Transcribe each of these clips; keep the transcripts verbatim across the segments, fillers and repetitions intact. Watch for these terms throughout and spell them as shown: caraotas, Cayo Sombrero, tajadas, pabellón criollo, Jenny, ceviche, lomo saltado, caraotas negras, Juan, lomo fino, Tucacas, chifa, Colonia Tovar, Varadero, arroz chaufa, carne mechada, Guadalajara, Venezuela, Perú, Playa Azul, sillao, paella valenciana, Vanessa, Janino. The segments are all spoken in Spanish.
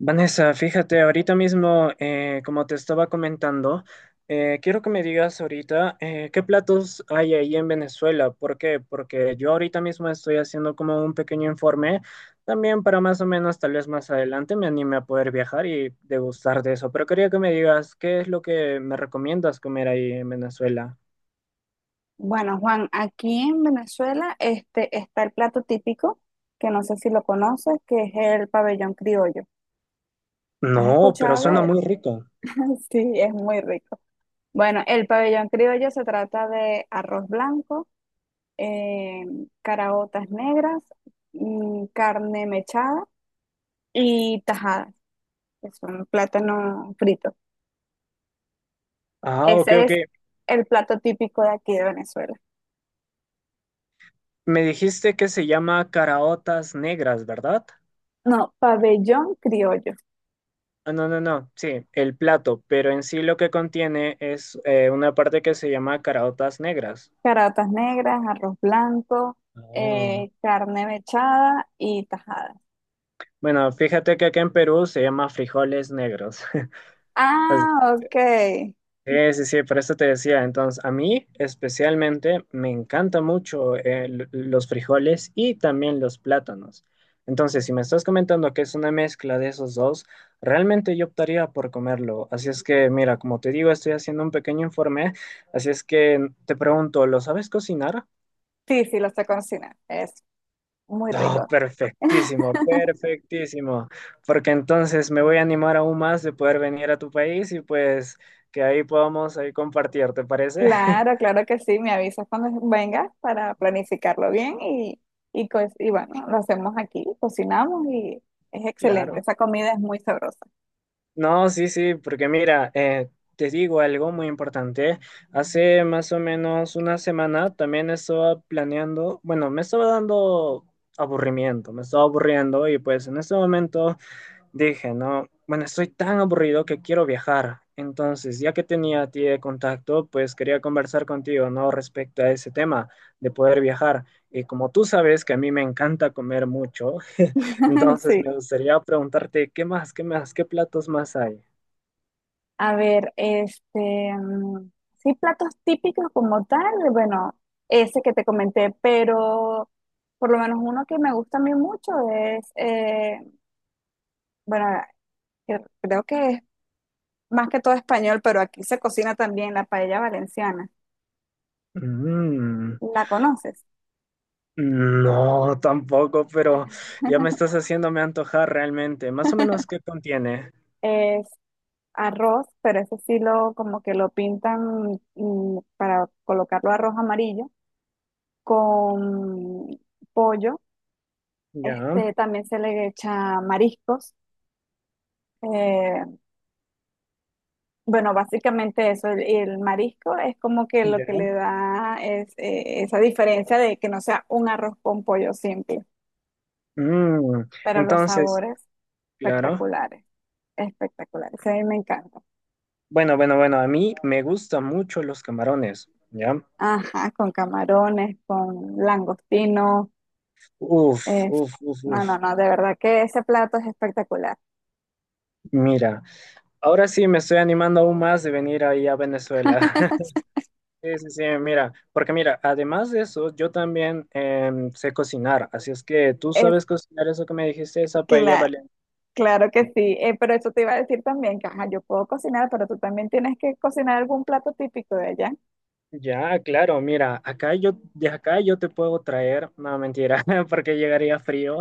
Vanessa, fíjate, ahorita mismo, eh, como te estaba comentando, eh, quiero que me digas ahorita eh, qué platos hay ahí en Venezuela. ¿Por qué? Porque yo ahorita mismo estoy haciendo como un pequeño informe, también para más o menos, tal vez más adelante me anime a poder viajar y degustar de eso. Pero quería que me digas qué es lo que me recomiendas comer ahí en Venezuela. Bueno, Juan, aquí en Venezuela este, está el plato típico, que no sé si lo conoces, que es el pabellón criollo. ¿Has No, pero escuchado suena de él? muy rico. Sí, es muy rico. Bueno, el pabellón criollo se trata de arroz blanco, eh, caraotas negras, mm, carne mechada y tajadas, que son plátano frito. Ah, ok, Ese ok. es el plato típico de aquí de Venezuela. Me dijiste que se llama caraotas negras, ¿verdad? No, pabellón criollo. Ah, no, no, no, sí, el plato, pero en sí lo que contiene es eh, una parte que se llama caraotas negras. Caratas negras, arroz blanco, Ah. eh, carne mechada y tajada. Bueno, fíjate que acá en Perú se llama frijoles negros. Ah, ok. Sí, sí, sí, por eso te decía. Entonces, a mí especialmente me encanta mucho eh, l- los frijoles y también los plátanos. Entonces, si me estás comentando que es una mezcla de esos dos, realmente yo optaría por comerlo. Así es que, mira, como te digo, estoy haciendo un pequeño informe. Así es que mm, te pregunto, ¿lo sabes cocinar? Sí, sí, lo sé cocinar. Es muy Oh, rico. perfectísimo, perfectísimo. Porque entonces me voy a animar aún más de poder venir a tu país y pues que ahí podamos ahí compartir, ¿te parece? Claro, claro que sí. Me avisas cuando vengas para planificarlo bien y, y, co- y bueno, lo hacemos aquí, cocinamos y es excelente. Claro. Esa comida es muy sabrosa. No, sí, sí, porque mira, eh, te digo algo muy importante. Hace más o menos una semana también estaba planeando, bueno, me estaba dando aburrimiento, me estaba aburriendo y pues en este momento dije, no, bueno, estoy tan aburrido que quiero viajar. Entonces, ya que tenía a ti de contacto, pues quería conversar contigo, ¿no? Respecto a ese tema de poder viajar. Y como tú sabes que a mí me encanta comer mucho, entonces Sí. me gustaría preguntarte, ¿qué más, qué más, qué platos más hay? A ver, este, mm, sí, platos típicos como tal, bueno, ese que te comenté, pero por lo menos uno que me gusta a mí mucho es, eh, bueno, que creo que es más que todo español, pero aquí se cocina también la paella valenciana. Mm, ¿La conoces? no, tampoco, pero ya me estás haciéndome antojar realmente. Más o menos, ¿qué contiene? Es arroz, pero ese sí lo, como que lo pintan mm, para colocarlo arroz amarillo con pollo. Ya, Este, también se le echa mariscos. Eh, bueno, básicamente eso, el, el marisco es como que lo ya. que le da es eh, esa diferencia de que no sea un arroz con pollo simple, Mm, pero los entonces, sabores claro. espectaculares, espectaculares, a mí me encanta. Bueno, bueno, bueno, a mí me gustan mucho los camarones, ¿ya? Ajá, con camarones, con langostino, Uf, eh, uf, uf, no, uf. no, no, de verdad que ese plato es espectacular. Mira, ahora sí me estoy animando aún más de venir ahí a Venezuela. Sí, sí, sí, mira, porque mira, además de eso, yo también em, sé cocinar, así es que tú Es sabes cocinar eso que me dijiste, esa paella cla- valenciana. claro que sí, eh, pero eso te iba a decir también que ajá, yo puedo cocinar, pero tú también tienes que cocinar algún plato típico de allá. Ya, claro, mira, acá yo, de acá yo te puedo traer, no, mentira, porque llegaría frío.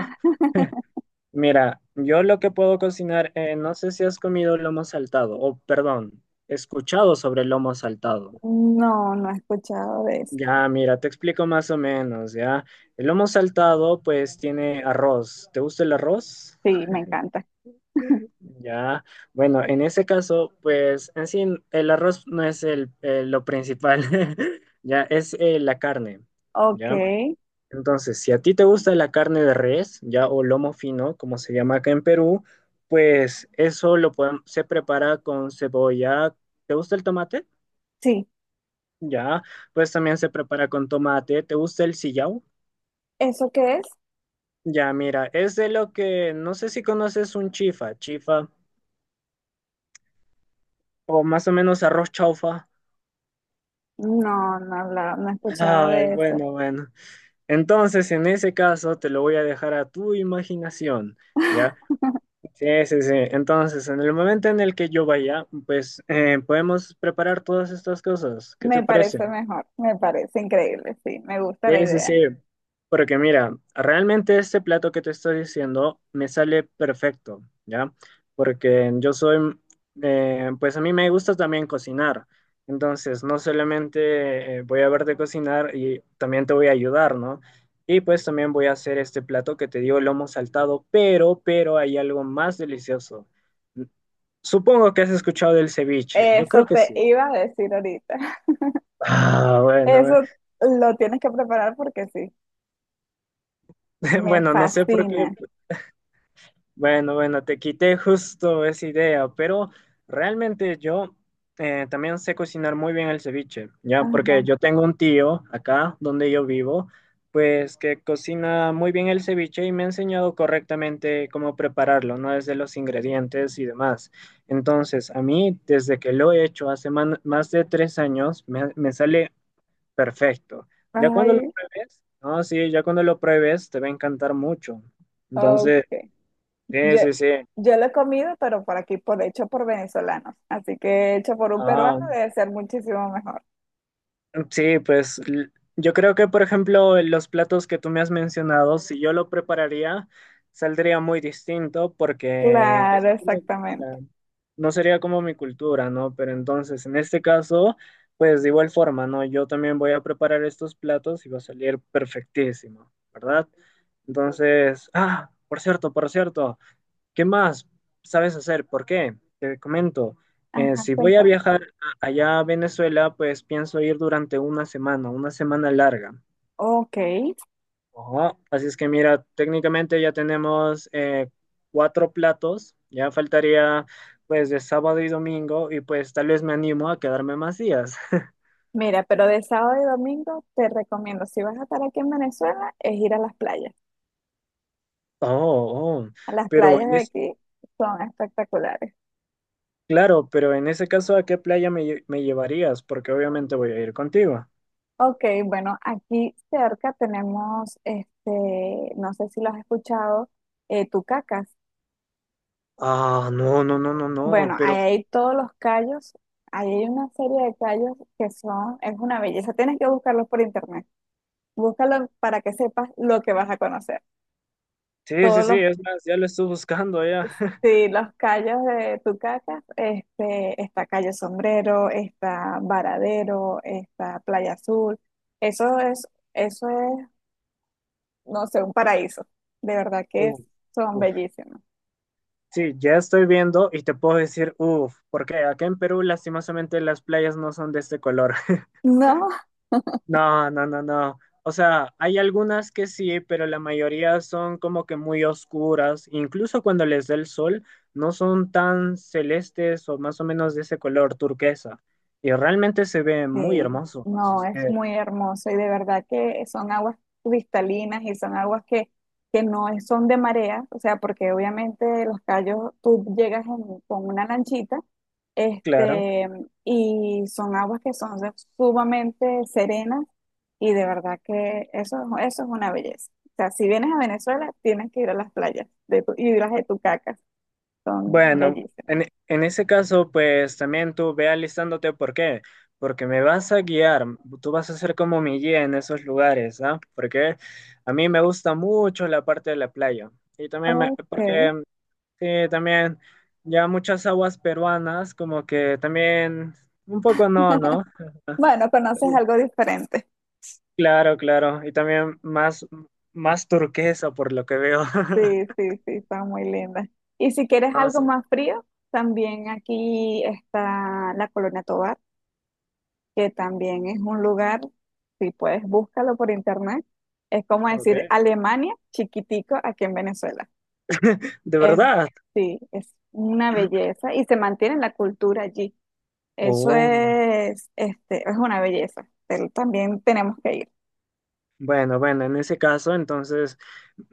Mira, yo lo que puedo cocinar, eh, no sé si has comido lomo saltado, o perdón, escuchado sobre el lomo saltado. No, no he escuchado de eso. Ya, mira, te explico más o menos, ¿ya? El lomo saltado, pues, tiene arroz. ¿Te gusta el arroz? Sí, me encanta. Ya, bueno, en ese caso, pues, en sí, el arroz no es el, eh, lo principal, ya, es eh, la carne, Ok, ¿ya? Entonces, si a ti te gusta la carne de res, ya o lomo fino, como se llama acá en Perú, pues eso lo podem- se prepara con cebolla. ¿Te gusta el tomate? sí. Ya, pues también se prepara con tomate. ¿Te gusta el sillao? ¿Eso qué es? Ya, mira, es de lo que no sé si conoces un chifa, chifa, o más o menos arroz chaufa. No, no, la- no he escuchado Ay, de eso. bueno, bueno. Entonces, en ese caso, te lo voy a dejar a tu imaginación, ¿ya? Sí, sí, sí. Entonces, en el momento en el que yo vaya, pues eh, podemos preparar todas estas cosas. ¿Qué te Me parece? parece mejor, me parece increíble, sí, me gusta la Sí, sí, sí. idea. Porque mira, realmente este plato que te estoy diciendo me sale perfecto, ¿ya? Porque yo soy, eh, pues a mí me gusta también cocinar. Entonces, no solamente eh, voy a verte cocinar y también te voy a ayudar, ¿no? Y pues también voy a hacer este plato que te digo, lomo saltado, pero, pero hay algo más delicioso. Supongo que has escuchado del ceviche. Yo creo Eso que te sí. iba a decir ahorita. Ah, bueno, Eso eh. lo tienes que preparar porque sí, me Bueno, no sé por fascina. qué. Bueno, bueno, te quité justo esa idea, pero realmente yo eh, también sé cocinar muy bien el ceviche, ¿ya? Ajá. Porque yo tengo un tío acá donde yo vivo, pues que cocina muy bien el ceviche y me ha enseñado correctamente cómo prepararlo, ¿no? Desde los ingredientes y demás. Entonces, a mí, desde que lo he hecho hace man- más de tres años, me, me sale perfecto. Ya cuando lo Ay, pruebes, no, sí, ya cuando lo pruebes te va a encantar mucho. Entonces, ok. sí, Yo, sí, sí. yo lo he comido, pero por aquí, por hecho por venezolanos. Así que hecho por un peruano Ah, debe ser muchísimo mejor. sí, pues l- yo creo que, por ejemplo, los platos que tú me has mencionado, si yo lo prepararía, saldría muy distinto porque es Claro, como... exactamente. No sería como mi cultura, ¿no? Pero entonces, en este caso, pues de igual forma, ¿no? Yo también voy a preparar estos platos y va a salir perfectísimo, ¿verdad? Entonces, ah, por cierto, por cierto. ¿Qué más sabes hacer? ¿Por qué? Te comento, eh, Ajá, si voy a cuéntame. viajar a- allá a Venezuela, pues pienso ir durante una semana, una semana larga. Ok, Ajá. Así es que mira, técnicamente ya tenemos eh, cuatro platos, ya faltaría pues de sábado y domingo y pues tal vez me animo a quedarme más días. mira, pero de sábado y domingo te recomiendo, si vas a estar aquí en Venezuela, es ir a las playas. Oh, oh, A las pero playas en de ese... aquí son espectaculares. Claro, pero en ese caso, ¿a qué playa me, lle- me llevarías? Porque obviamente voy a ir contigo. Ok, bueno, aquí cerca tenemos, este, no sé si lo has escuchado, eh, Tucacas. Ah, no, no, no, no, no, Bueno, pero... ahí hay todos los callos, ahí hay una serie de callos que son, es una belleza, tienes que buscarlos por internet. Búscalo para que sepas lo que vas a conocer. Sí, sí, Todos sí, los. es más, ya lo estoy buscando ya. Sí, los callos de Tucacas, este, está Cayo Sombrero, está Varadero, está Playa Azul. Eso es, eso es, no sé, un paraíso. De verdad que Uf, son uf. bellísimos. Sí, ya estoy viendo y te puedo decir, uff, porque acá en Perú lastimosamente las playas no son de este color. No, No, no, no, no. O sea, hay algunas que sí, pero la mayoría son como que muy oscuras. Incluso cuando les da el sol, no son tan celestes o más o menos de ese color turquesa. Y realmente se ve muy sí, hermoso. Así no, es es que, muy hermoso y de verdad que son aguas cristalinas y son aguas que, que no es- son de marea, o sea, porque obviamente los callos, tú llegas en- con una lanchita, claro. este, y son aguas que son de- sumamente serenas y de verdad que eso, eso es una belleza. O sea, si vienes a Venezuela, tienes que ir a las playas de tu, y las de Tucacas, son Bueno, bellísimas. en, en ese caso, pues también tú ve alistándote, ¿por qué? Porque me vas a guiar, tú vas a ser como mi guía en esos lugares, ¿ah? Porque a mí me gusta mucho la parte de la playa. Y también, me- Ok, porque mm, sí, también ya muchas aguas peruanas, como que también, un poco no, ¿no? bueno, conoces algo diferente. Claro, claro. Y también más, más turquesa por lo que veo. Sí, sí, sí, está muy linda. Y si quieres Ah, algo sí, más frío, también aquí está la Colonia Tovar, que también es un lugar, si puedes, búscalo por internet. Es como ok. decir Alemania chiquitico aquí en Venezuela. De Es, verdad. sí, es una belleza y se mantiene la cultura allí. Eso Oh. es, este, es una belleza. Pero también tenemos que ir. Bueno, bueno, en ese caso, entonces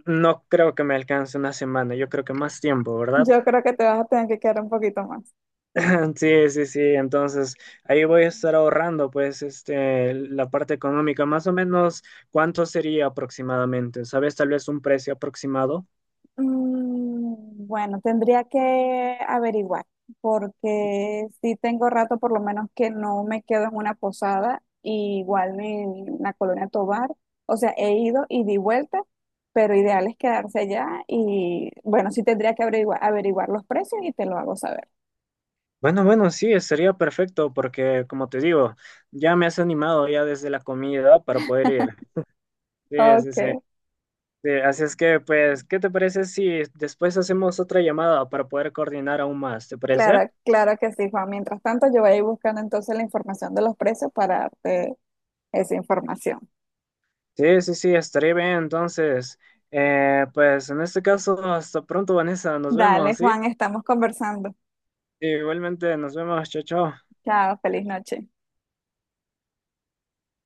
no creo que me alcance una semana, yo creo que más tiempo, ¿verdad? Yo creo que te vas a tener que quedar un poquito más. Sí, sí, sí, entonces ahí voy a estar ahorrando, pues, este, la parte económica, más o menos, ¿cuánto sería aproximadamente? ¿Sabes tal vez un precio aproximado? Mm, Bueno, tendría que averiguar, porque sí tengo rato por lo menos que no me quedo en una posada, y igual en la Colonia Tovar, o sea, he ido y di vuelta, pero ideal es quedarse allá y bueno, sí tendría que averiguar, averiguar los precios y te lo hago saber. Bueno, bueno, sí, sería perfecto, porque como te digo, ya me has animado ya desde la comida para poder ir. Sí, sí, Ok, sí. Sí, así es que, pues, ¿qué te parece si después hacemos otra llamada para poder coordinar aún más? ¿Te parece? claro, claro que sí, Juan. Mientras tanto, yo voy a ir buscando entonces la información de los precios para darte esa información. Sí, sí, sí, estaré bien. Entonces, eh, pues en este caso, hasta pronto, Vanessa. Nos Dale, vemos, ¿sí? Juan, estamos conversando. Igualmente, nos vemos. Chao, chao. Chao, feliz noche.